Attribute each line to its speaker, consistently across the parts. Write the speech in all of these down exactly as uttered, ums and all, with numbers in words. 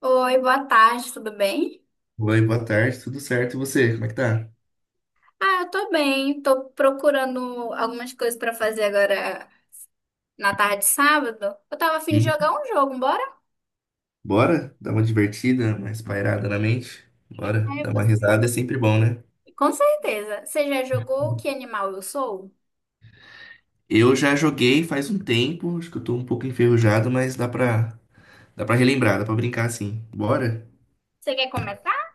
Speaker 1: Oi, boa tarde, tudo bem?
Speaker 2: Oi, boa tarde, tudo certo? E você, como é que tá?
Speaker 1: Ah, eu tô bem. Tô procurando algumas coisas pra fazer agora na tarde de sábado. Eu tava a fim de jogar
Speaker 2: Uhum.
Speaker 1: um jogo, bora?
Speaker 2: Bora dar uma divertida, mais pairada na mente? Bora,
Speaker 1: É,
Speaker 2: dar uma
Speaker 1: você.
Speaker 2: risada é sempre bom, né?
Speaker 1: Com certeza. Você já jogou Que Animal Eu Sou?
Speaker 2: Eu já joguei faz um tempo, acho que eu tô um pouco enferrujado, mas dá pra, dá pra relembrar, dá pra brincar assim. Bora?
Speaker 1: Você quer começar?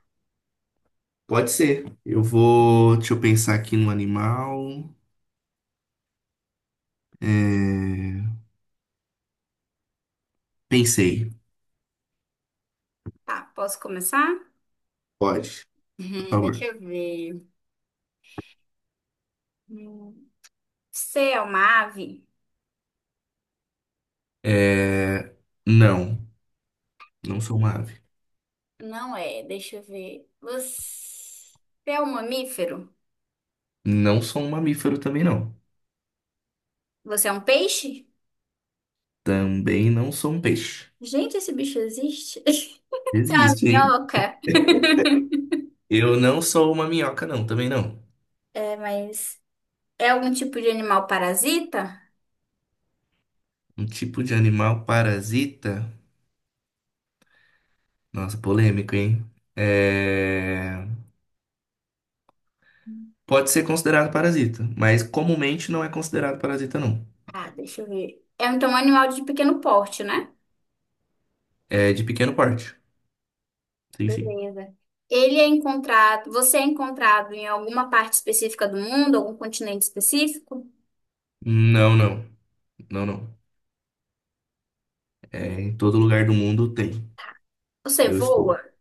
Speaker 2: Pode ser. Eu vou. Deixa eu pensar aqui no animal. É, Pensei.
Speaker 1: Tá, posso começar?
Speaker 2: Pode, por
Speaker 1: Hum, deixa
Speaker 2: favor.
Speaker 1: eu ver. Hum, Você é uma ave?
Speaker 2: É... Não, não sou uma ave.
Speaker 1: Não é, deixa eu ver. Você é um mamífero?
Speaker 2: Não sou um mamífero também, não.
Speaker 1: Você é um peixe?
Speaker 2: Também não sou um peixe.
Speaker 1: Gente, esse bicho existe? Você é uma
Speaker 2: Existe, hein?
Speaker 1: minhoca?
Speaker 2: Eu não sou uma minhoca, não, também não.
Speaker 1: É, mas é algum tipo de animal parasita?
Speaker 2: Um tipo de animal parasita. Nossa, polêmico, hein? É... Pode ser considerado parasita, mas comumente não é considerado parasita, não.
Speaker 1: Ah, deixa eu ver. É então um animal de pequeno porte, né?
Speaker 2: É de pequeno porte. Sim, sim.
Speaker 1: Beleza. Ele é encontrado, você é encontrado em alguma parte específica do mundo, algum continente específico?
Speaker 2: Não, não. Não, não. É, em todo lugar do mundo tem.
Speaker 1: Você
Speaker 2: Eu estou.
Speaker 1: voa?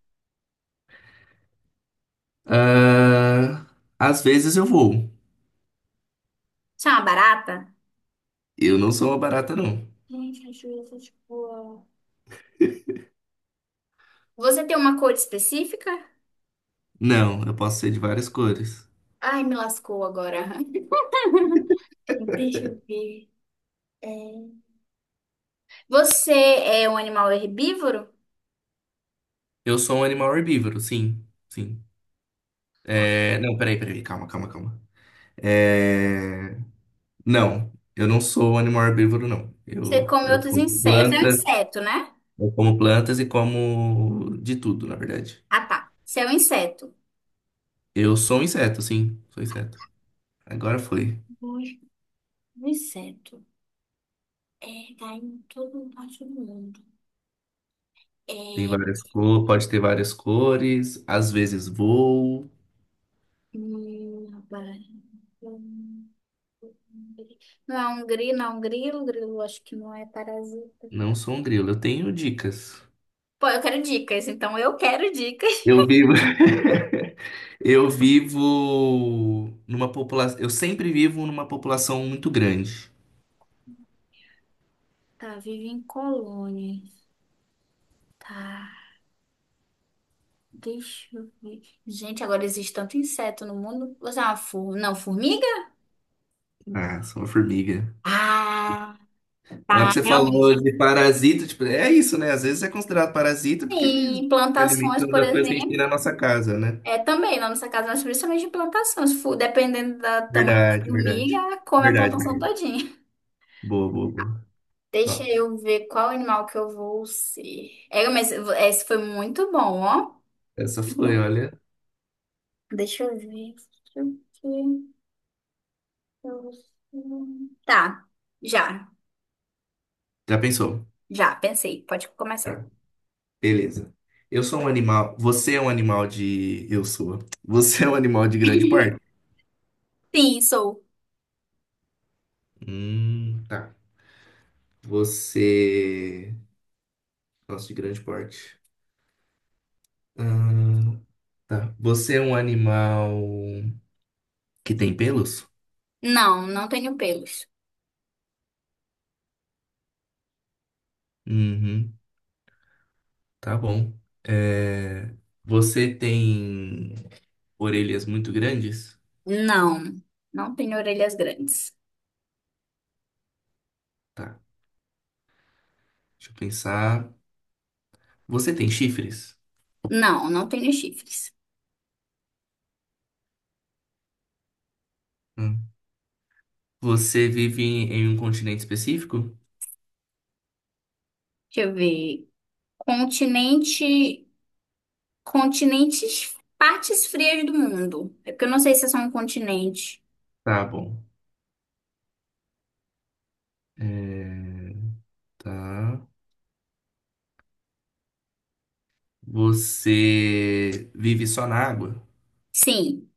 Speaker 2: Ah, às vezes eu vou.
Speaker 1: Você é uma barata?
Speaker 2: Eu não sou uma barata, não.
Speaker 1: Gente, deixa eu ver se eu te voa. Você tem uma cor específica?
Speaker 2: Não, eu posso ser de várias cores.
Speaker 1: Ai, me lascou agora. Deixa eu ver. É, Você é um animal herbívoro?
Speaker 2: Eu sou um animal herbívoro, sim. Sim.
Speaker 1: Tá.
Speaker 2: É... Não, peraí, peraí. Calma, calma, calma. É, Não, eu não sou um animal herbívoro, não.
Speaker 1: Você
Speaker 2: Eu,
Speaker 1: come
Speaker 2: eu
Speaker 1: outros
Speaker 2: como
Speaker 1: insetos. Você é um
Speaker 2: planta,
Speaker 1: inseto, né?
Speaker 2: eu como plantas e como de tudo, na verdade.
Speaker 1: Ah, tá. Você é um inseto.
Speaker 2: Eu sou um inseto, sim, sou inseto. Agora foi.
Speaker 1: Hoje, um inseto é, tá em todo parte do mundo.
Speaker 2: Tem
Speaker 1: É,
Speaker 2: várias cores, pode ter várias cores, às vezes voo.
Speaker 1: hum, rapaz, hum, não é um grilo, não é um grilo, grilo acho que não é parasita.
Speaker 2: Não sou um grilo, eu tenho dicas.
Speaker 1: Pô, eu quero dicas, então eu quero dicas.
Speaker 2: Eu vivo, eu vivo numa população, eu sempre vivo numa população muito grande.
Speaker 1: Tá, vive em colônias. Tá, deixa eu ver. Gente, agora existe tanto inseto no mundo. Você é uma fu- não, formiga?
Speaker 2: Ah, sou uma formiga.
Speaker 1: Ah,
Speaker 2: Na hora que
Speaker 1: tá,
Speaker 2: você falou
Speaker 1: realmente.
Speaker 2: de parasita, tipo, é isso, né? Às vezes é considerado parasita porque eles
Speaker 1: Em
Speaker 2: se
Speaker 1: plantações,
Speaker 2: alimentam
Speaker 1: por
Speaker 2: das coisas que a gente tem
Speaker 1: exemplo.
Speaker 2: na nossa casa, né?
Speaker 1: É, também, na nossa casa, nós principalmente de plantação. Se for, dependendo do tamanho da
Speaker 2: Verdade,
Speaker 1: formiga,
Speaker 2: verdade.
Speaker 1: ela come a
Speaker 2: Verdade,
Speaker 1: plantação
Speaker 2: verdade.
Speaker 1: todinha.
Speaker 2: Boa, boa, boa.
Speaker 1: Deixa
Speaker 2: Top.
Speaker 1: eu ver qual animal que eu vou ser. É, mas esse foi muito bom, ó.
Speaker 2: Essa foi,
Speaker 1: Bom,
Speaker 2: olha.
Speaker 1: deixa eu ver o que eu vou ser. Tá, já,
Speaker 2: Já pensou?
Speaker 1: já, pensei. Pode começar.
Speaker 2: Tá. Beleza. Eu sou um animal. Você é um animal de. Eu sou. Você é um animal de grande porte?
Speaker 1: Sim, sou.
Speaker 2: Hum, tá. Você. Nossa, de grande porte. Hum, tá. Você é um animal que tem pelos?
Speaker 1: Não, não tenho pelos.
Speaker 2: Uhum. Tá bom. É, Você tem orelhas muito grandes?
Speaker 1: Não, não tenho orelhas grandes.
Speaker 2: Tá, deixa eu pensar. Você tem chifres?
Speaker 1: Não, não tenho chifres.
Speaker 2: Hum. Você vive em em um continente específico?
Speaker 1: Deixa eu ver. Continente. Continentes, partes frias do mundo. É porque eu não sei se é só um continente.
Speaker 2: Tá bom. É, Tá. Você vive só na água?
Speaker 1: Sim.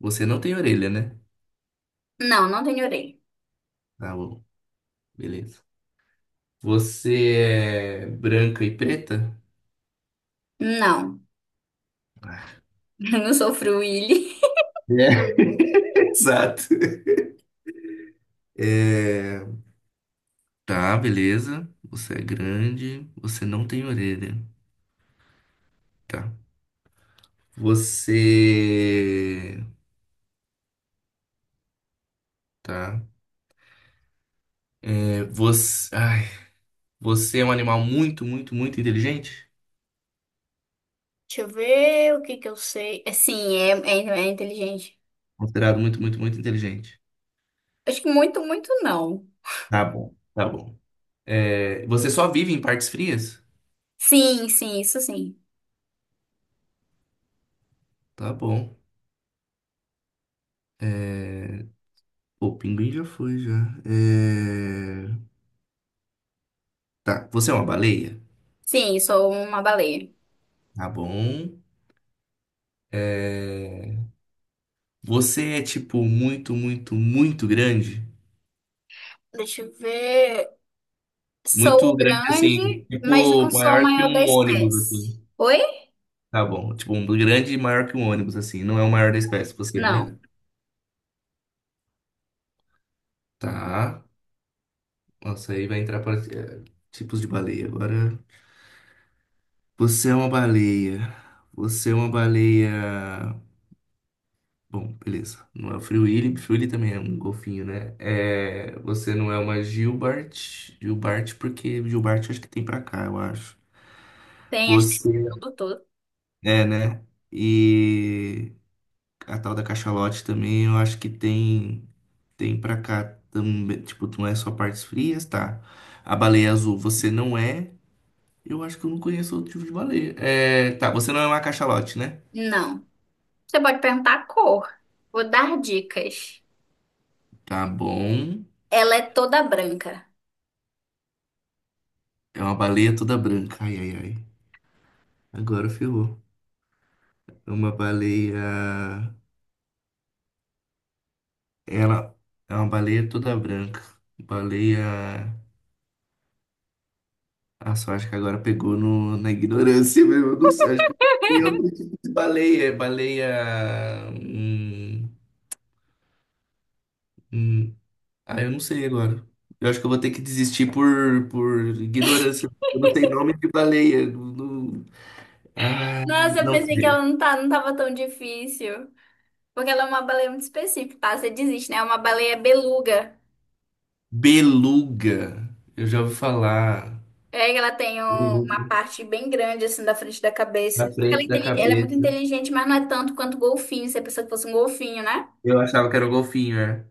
Speaker 2: Você não tem orelha, né?
Speaker 1: Não, não tenho orelha.
Speaker 2: Tá bom, beleza. Você é branca e preta?
Speaker 1: Não,
Speaker 2: É.
Speaker 1: eu não sou fruíli.
Speaker 2: Exato. É, Tá, beleza. Você é grande, você não tem orelha. Tá. Você. Tá. É, Você. Ai, você é um animal muito, muito, muito inteligente?
Speaker 1: Deixa eu ver o que que eu sei. É, sim, é, é, é inteligente.
Speaker 2: Considerado muito, muito, muito inteligente.
Speaker 1: Acho que muito, muito não.
Speaker 2: Tá bom, tá bom. É, Você só vive em partes frias?
Speaker 1: Sim, sim, isso sim.
Speaker 2: Tá bom. O pinguim já foi, já. É, Tá. Você é uma baleia?
Speaker 1: Sim, sou uma baleia.
Speaker 2: Tá bom. É, Você é, tipo, muito, muito, muito grande?
Speaker 1: Deixa eu ver.
Speaker 2: Muito
Speaker 1: Sou
Speaker 2: grande,
Speaker 1: grande,
Speaker 2: assim.
Speaker 1: mas
Speaker 2: Tipo,
Speaker 1: não sou a
Speaker 2: maior que
Speaker 1: maior da
Speaker 2: um ônibus,
Speaker 1: espécie.
Speaker 2: assim.
Speaker 1: Oi?
Speaker 2: Tá bom. Tipo, um grande e maior que um ônibus, assim. Não é o maior da espécie, você, né?
Speaker 1: Não.
Speaker 2: Tá. Nossa, aí vai entrar para eh, tipos de baleia. Agora, você é uma baleia. Você é uma baleia. Bom, beleza. Não é o Free Willy. Free Willy também é um golfinho, né? É... Você não é uma Gilbert. Gilbert, porque Gilbert acho que tem pra cá, eu acho.
Speaker 1: Tem as tem no
Speaker 2: Você
Speaker 1: mundo todo.
Speaker 2: é, né? E a tal da cachalote também, eu acho que tem tem pra cá também, tipo, não é só partes frias, tá? A baleia azul, você não é. Eu acho que eu não conheço outro tipo de baleia. É, tá, você não é uma cachalote, né?
Speaker 1: Não. Você pode perguntar a cor. Vou dar dicas.
Speaker 2: Tá bom.
Speaker 1: Ela é toda branca.
Speaker 2: É uma baleia toda branca. Ai, ai, ai. Agora ferrou. É uma baleia. Ela é uma baleia toda branca. Baleia. Ah, só acho que agora pegou no... na ignorância mesmo. Eu não sei. Acho que é outro tipo de baleia. É Baleia. Hum... hum. Ah, eu não sei agora. Eu acho que eu vou ter que desistir por, por ignorância. Eu não tenho nome de baleia. Não- não- Ah,
Speaker 1: Nossa, eu
Speaker 2: não
Speaker 1: pensei que
Speaker 2: sei.
Speaker 1: ela não tá, não tava tão difícil. Porque ela é uma baleia muito específica, tá? Você desiste, né? É uma baleia beluga.
Speaker 2: Beluga. Eu já ouvi falar.
Speaker 1: É que ela tem um- uma
Speaker 2: Beluga
Speaker 1: parte bem grande, assim, da frente da
Speaker 2: na
Speaker 1: cabeça. Ela é,
Speaker 2: frente da
Speaker 1: intelig- ela é muito
Speaker 2: cabeça.
Speaker 1: inteligente, mas não é tanto quanto golfinho. Você pensou que fosse um golfinho, né?
Speaker 2: Eu achava que era o golfinho, é.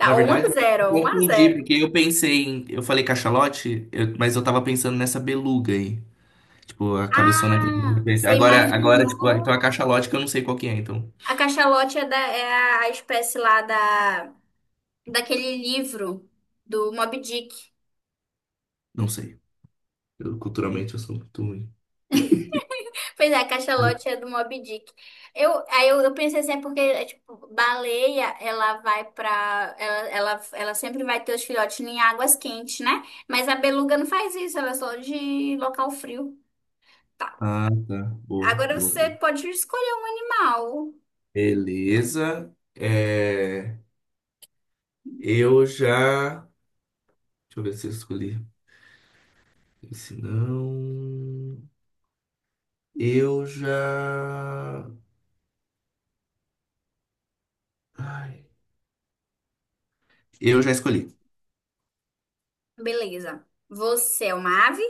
Speaker 2: Na
Speaker 1: um a
Speaker 2: verdade, eu
Speaker 1: zero, um a
Speaker 2: confundi,
Speaker 1: zero.
Speaker 2: porque eu pensei em. Eu falei cachalote, eu- mas eu tava pensando nessa beluga aí. Tipo, a cabeçona que tem na
Speaker 1: Ah,
Speaker 2: frente.
Speaker 1: você
Speaker 2: Agora, agora, tipo, então
Speaker 1: imaginou?
Speaker 2: a cachalote que eu não sei qual que é, então.
Speaker 1: A cachalote é, da, é a a espécie lá da, daquele livro do Moby Dick.
Speaker 2: Não sei. Eu, culturalmente eu sou muito ruim.
Speaker 1: Pois é, a Cachalote é do Moby Dick. Eu, aí eu, eu pensei assim, é porque, é, tipo, baleia, ela vai pra... Ela, ela, ela sempre vai ter os filhotes em águas quentes, né? Mas a beluga não faz isso, ela é só de local frio. Tá.
Speaker 2: Ah, tá. Boa,
Speaker 1: Agora
Speaker 2: boa,
Speaker 1: você
Speaker 2: boa.
Speaker 1: pode escolher um animal.
Speaker 2: Beleza. É, eu já. Deixa eu ver se eu escolhi Se não, eu já. Ai, eu já escolhi.
Speaker 1: Beleza. Você é uma ave?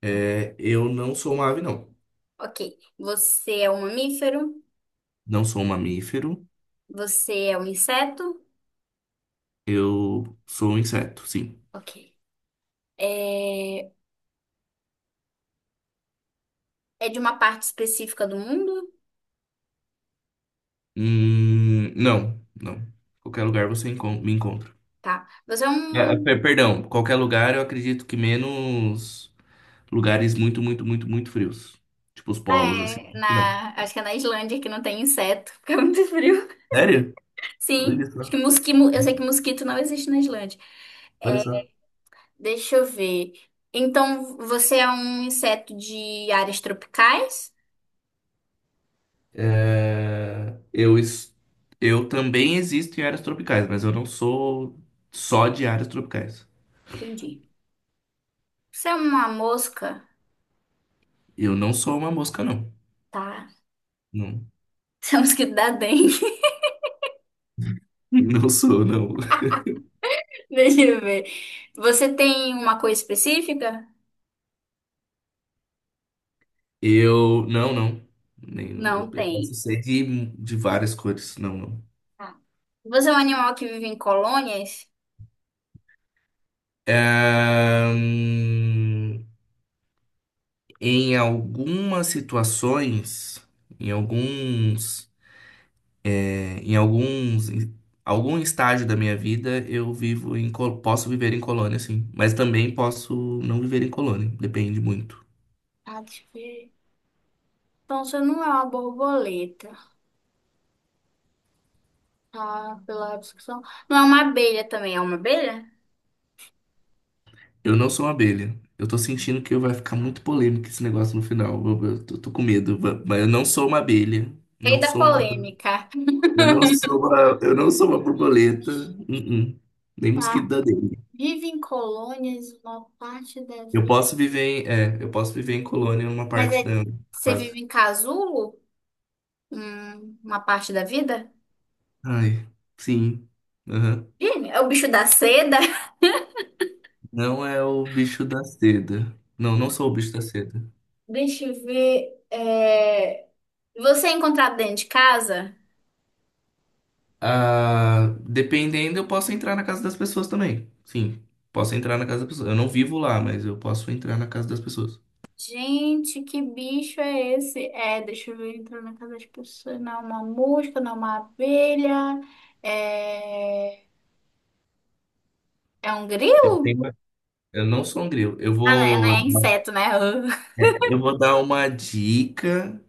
Speaker 2: É, eu não sou uma ave, não.
Speaker 1: Ok. Você é um mamífero?
Speaker 2: Não sou um mamífero.
Speaker 1: Você é um inseto?
Speaker 2: Eu sou um inseto, sim.
Speaker 1: Ok. É, é de uma parte específica do mundo?
Speaker 2: Hum, não, não. Qualquer lugar você encon- me encontra.
Speaker 1: Tá. Você é
Speaker 2: É, é,
Speaker 1: um
Speaker 2: per- perdão, qualquer lugar eu acredito que menos lugares muito, muito, muito, muito frios. Tipo os polos, assim.
Speaker 1: é,
Speaker 2: Não.
Speaker 1: na, acho que é na Islândia que não tem inseto, porque é muito frio.
Speaker 2: Sério? Olha
Speaker 1: Sim, acho que
Speaker 2: só,
Speaker 1: mosquito, eu sei que mosquito não existe na Islândia.
Speaker 2: olha
Speaker 1: É,
Speaker 2: só.
Speaker 1: deixa eu ver. Então, você é um inseto de áreas tropicais?
Speaker 2: É, eu, es- eu também existo em áreas tropicais, mas eu não sou só de áreas tropicais.
Speaker 1: Entendi. Você é uma mosca?
Speaker 2: Eu não sou uma mosca, não.
Speaker 1: Tá.
Speaker 2: Não,
Speaker 1: Você é um mosquito da dengue.
Speaker 2: não sou, não.
Speaker 1: Deixa eu ver. Você tem uma cor específica?
Speaker 2: Eu. Não, não. Nem- eu
Speaker 1: Não
Speaker 2: eu posso
Speaker 1: tem.
Speaker 2: ser de, de várias cores. Não, não.
Speaker 1: Tá. Você é um animal que vive em colônias?
Speaker 2: Ahn, em algumas situações, em alguns. É, em alguns, em algum estágio da minha vida, eu vivo em, co- posso viver em colônia, sim. Mas também posso não viver em colônia, depende muito.
Speaker 1: Ah, deixa eu ver. Então, você não é uma borboleta. Ah, pela discussão. Não é uma abelha também, é uma abelha?
Speaker 2: Eu não sou uma abelha. Eu tô sentindo que vai ficar muito polêmico esse negócio no final. Eu, eu tô, tô com medo. Va- Mas eu não sou uma abelha.
Speaker 1: Rei
Speaker 2: Não
Speaker 1: da
Speaker 2: sou uma,
Speaker 1: polêmica.
Speaker 2: eu não sou uma, eu não sou uma borboleta. Uh-uh. Nem
Speaker 1: Tá.
Speaker 2: mosquito da dengue.
Speaker 1: Vive em colônias uma parte da
Speaker 2: Eu
Speaker 1: vida.
Speaker 2: posso viver em, é, eu posso viver em colônia numa
Speaker 1: Mas
Speaker 2: parte da.
Speaker 1: é, você vive em casulo? Hum, uma parte da vida?
Speaker 2: Ai, sim.
Speaker 1: Ih, é o bicho da seda?
Speaker 2: Não é o bicho da seda. Não, não sou o bicho da seda.
Speaker 1: Deixa eu ver. é, Você é encontrado dentro de casa?
Speaker 2: Ah, dependendo, eu posso entrar na casa das pessoas também. Sim, posso entrar na casa das pessoas. Eu não vivo lá, mas eu posso entrar na casa das pessoas.
Speaker 1: Gente, que bicho é esse? É, deixa eu ver, entrou na casa das pessoas. Não é uma mosca, não é uma abelha. É, é um
Speaker 2: Eu tenho
Speaker 1: grilo?
Speaker 2: uma- Eu não sou um grilo. Eu
Speaker 1: Ah, não, é não
Speaker 2: vou,
Speaker 1: é inseto, né?
Speaker 2: eu vou dar uma dica,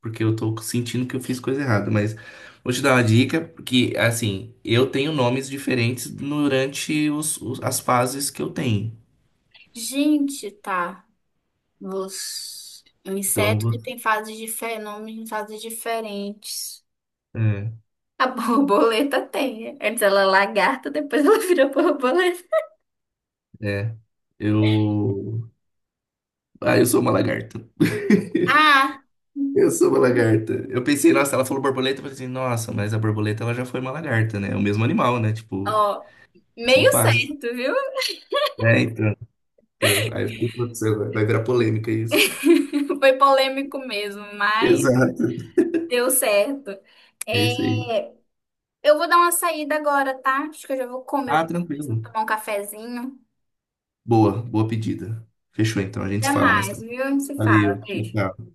Speaker 2: porque eu tô sentindo que eu fiz coisa errada, mas vou te dar uma dica, porque, assim, eu tenho nomes diferentes durante os, os- as fases que eu tenho.
Speaker 1: Gente, tá. Os... Um
Speaker 2: Então, eu
Speaker 1: inseto que tem
Speaker 2: vou-
Speaker 1: fases diferentes, nomes em fases diferentes. A borboleta tem. Antes ela é lagarta, depois ela vira borboleta.
Speaker 2: é, é. Eu Ah, eu sou uma lagarta.
Speaker 1: Ah,
Speaker 2: Eu sou uma lagarta. Eu pensei, nossa, ela falou borboleta, eu pensei, nossa, mas a borboleta ela já foi uma lagarta, né? É o mesmo animal, né? Tipo,
Speaker 1: ó,
Speaker 2: são
Speaker 1: meio
Speaker 2: fases.
Speaker 1: certo, viu?
Speaker 2: É, então. Então, Aí eu fiquei, putz, vai vai virar polêmica isso.
Speaker 1: Foi polêmico mesmo, mas
Speaker 2: Exato.
Speaker 1: deu certo.
Speaker 2: É isso aí.
Speaker 1: É, eu vou dar uma saída agora, tá? Acho que eu já vou comer,
Speaker 2: Ah,
Speaker 1: alguma coisa,
Speaker 2: tranquilo.
Speaker 1: tomar um cafezinho.
Speaker 2: Boa, boa pedida. Fechou então, a gente
Speaker 1: Até
Speaker 2: se fala mais
Speaker 1: mais,
Speaker 2: tarde.
Speaker 1: viu? A gente se fala.
Speaker 2: Valeu, tchau,
Speaker 1: Beijo.
Speaker 2: tchau.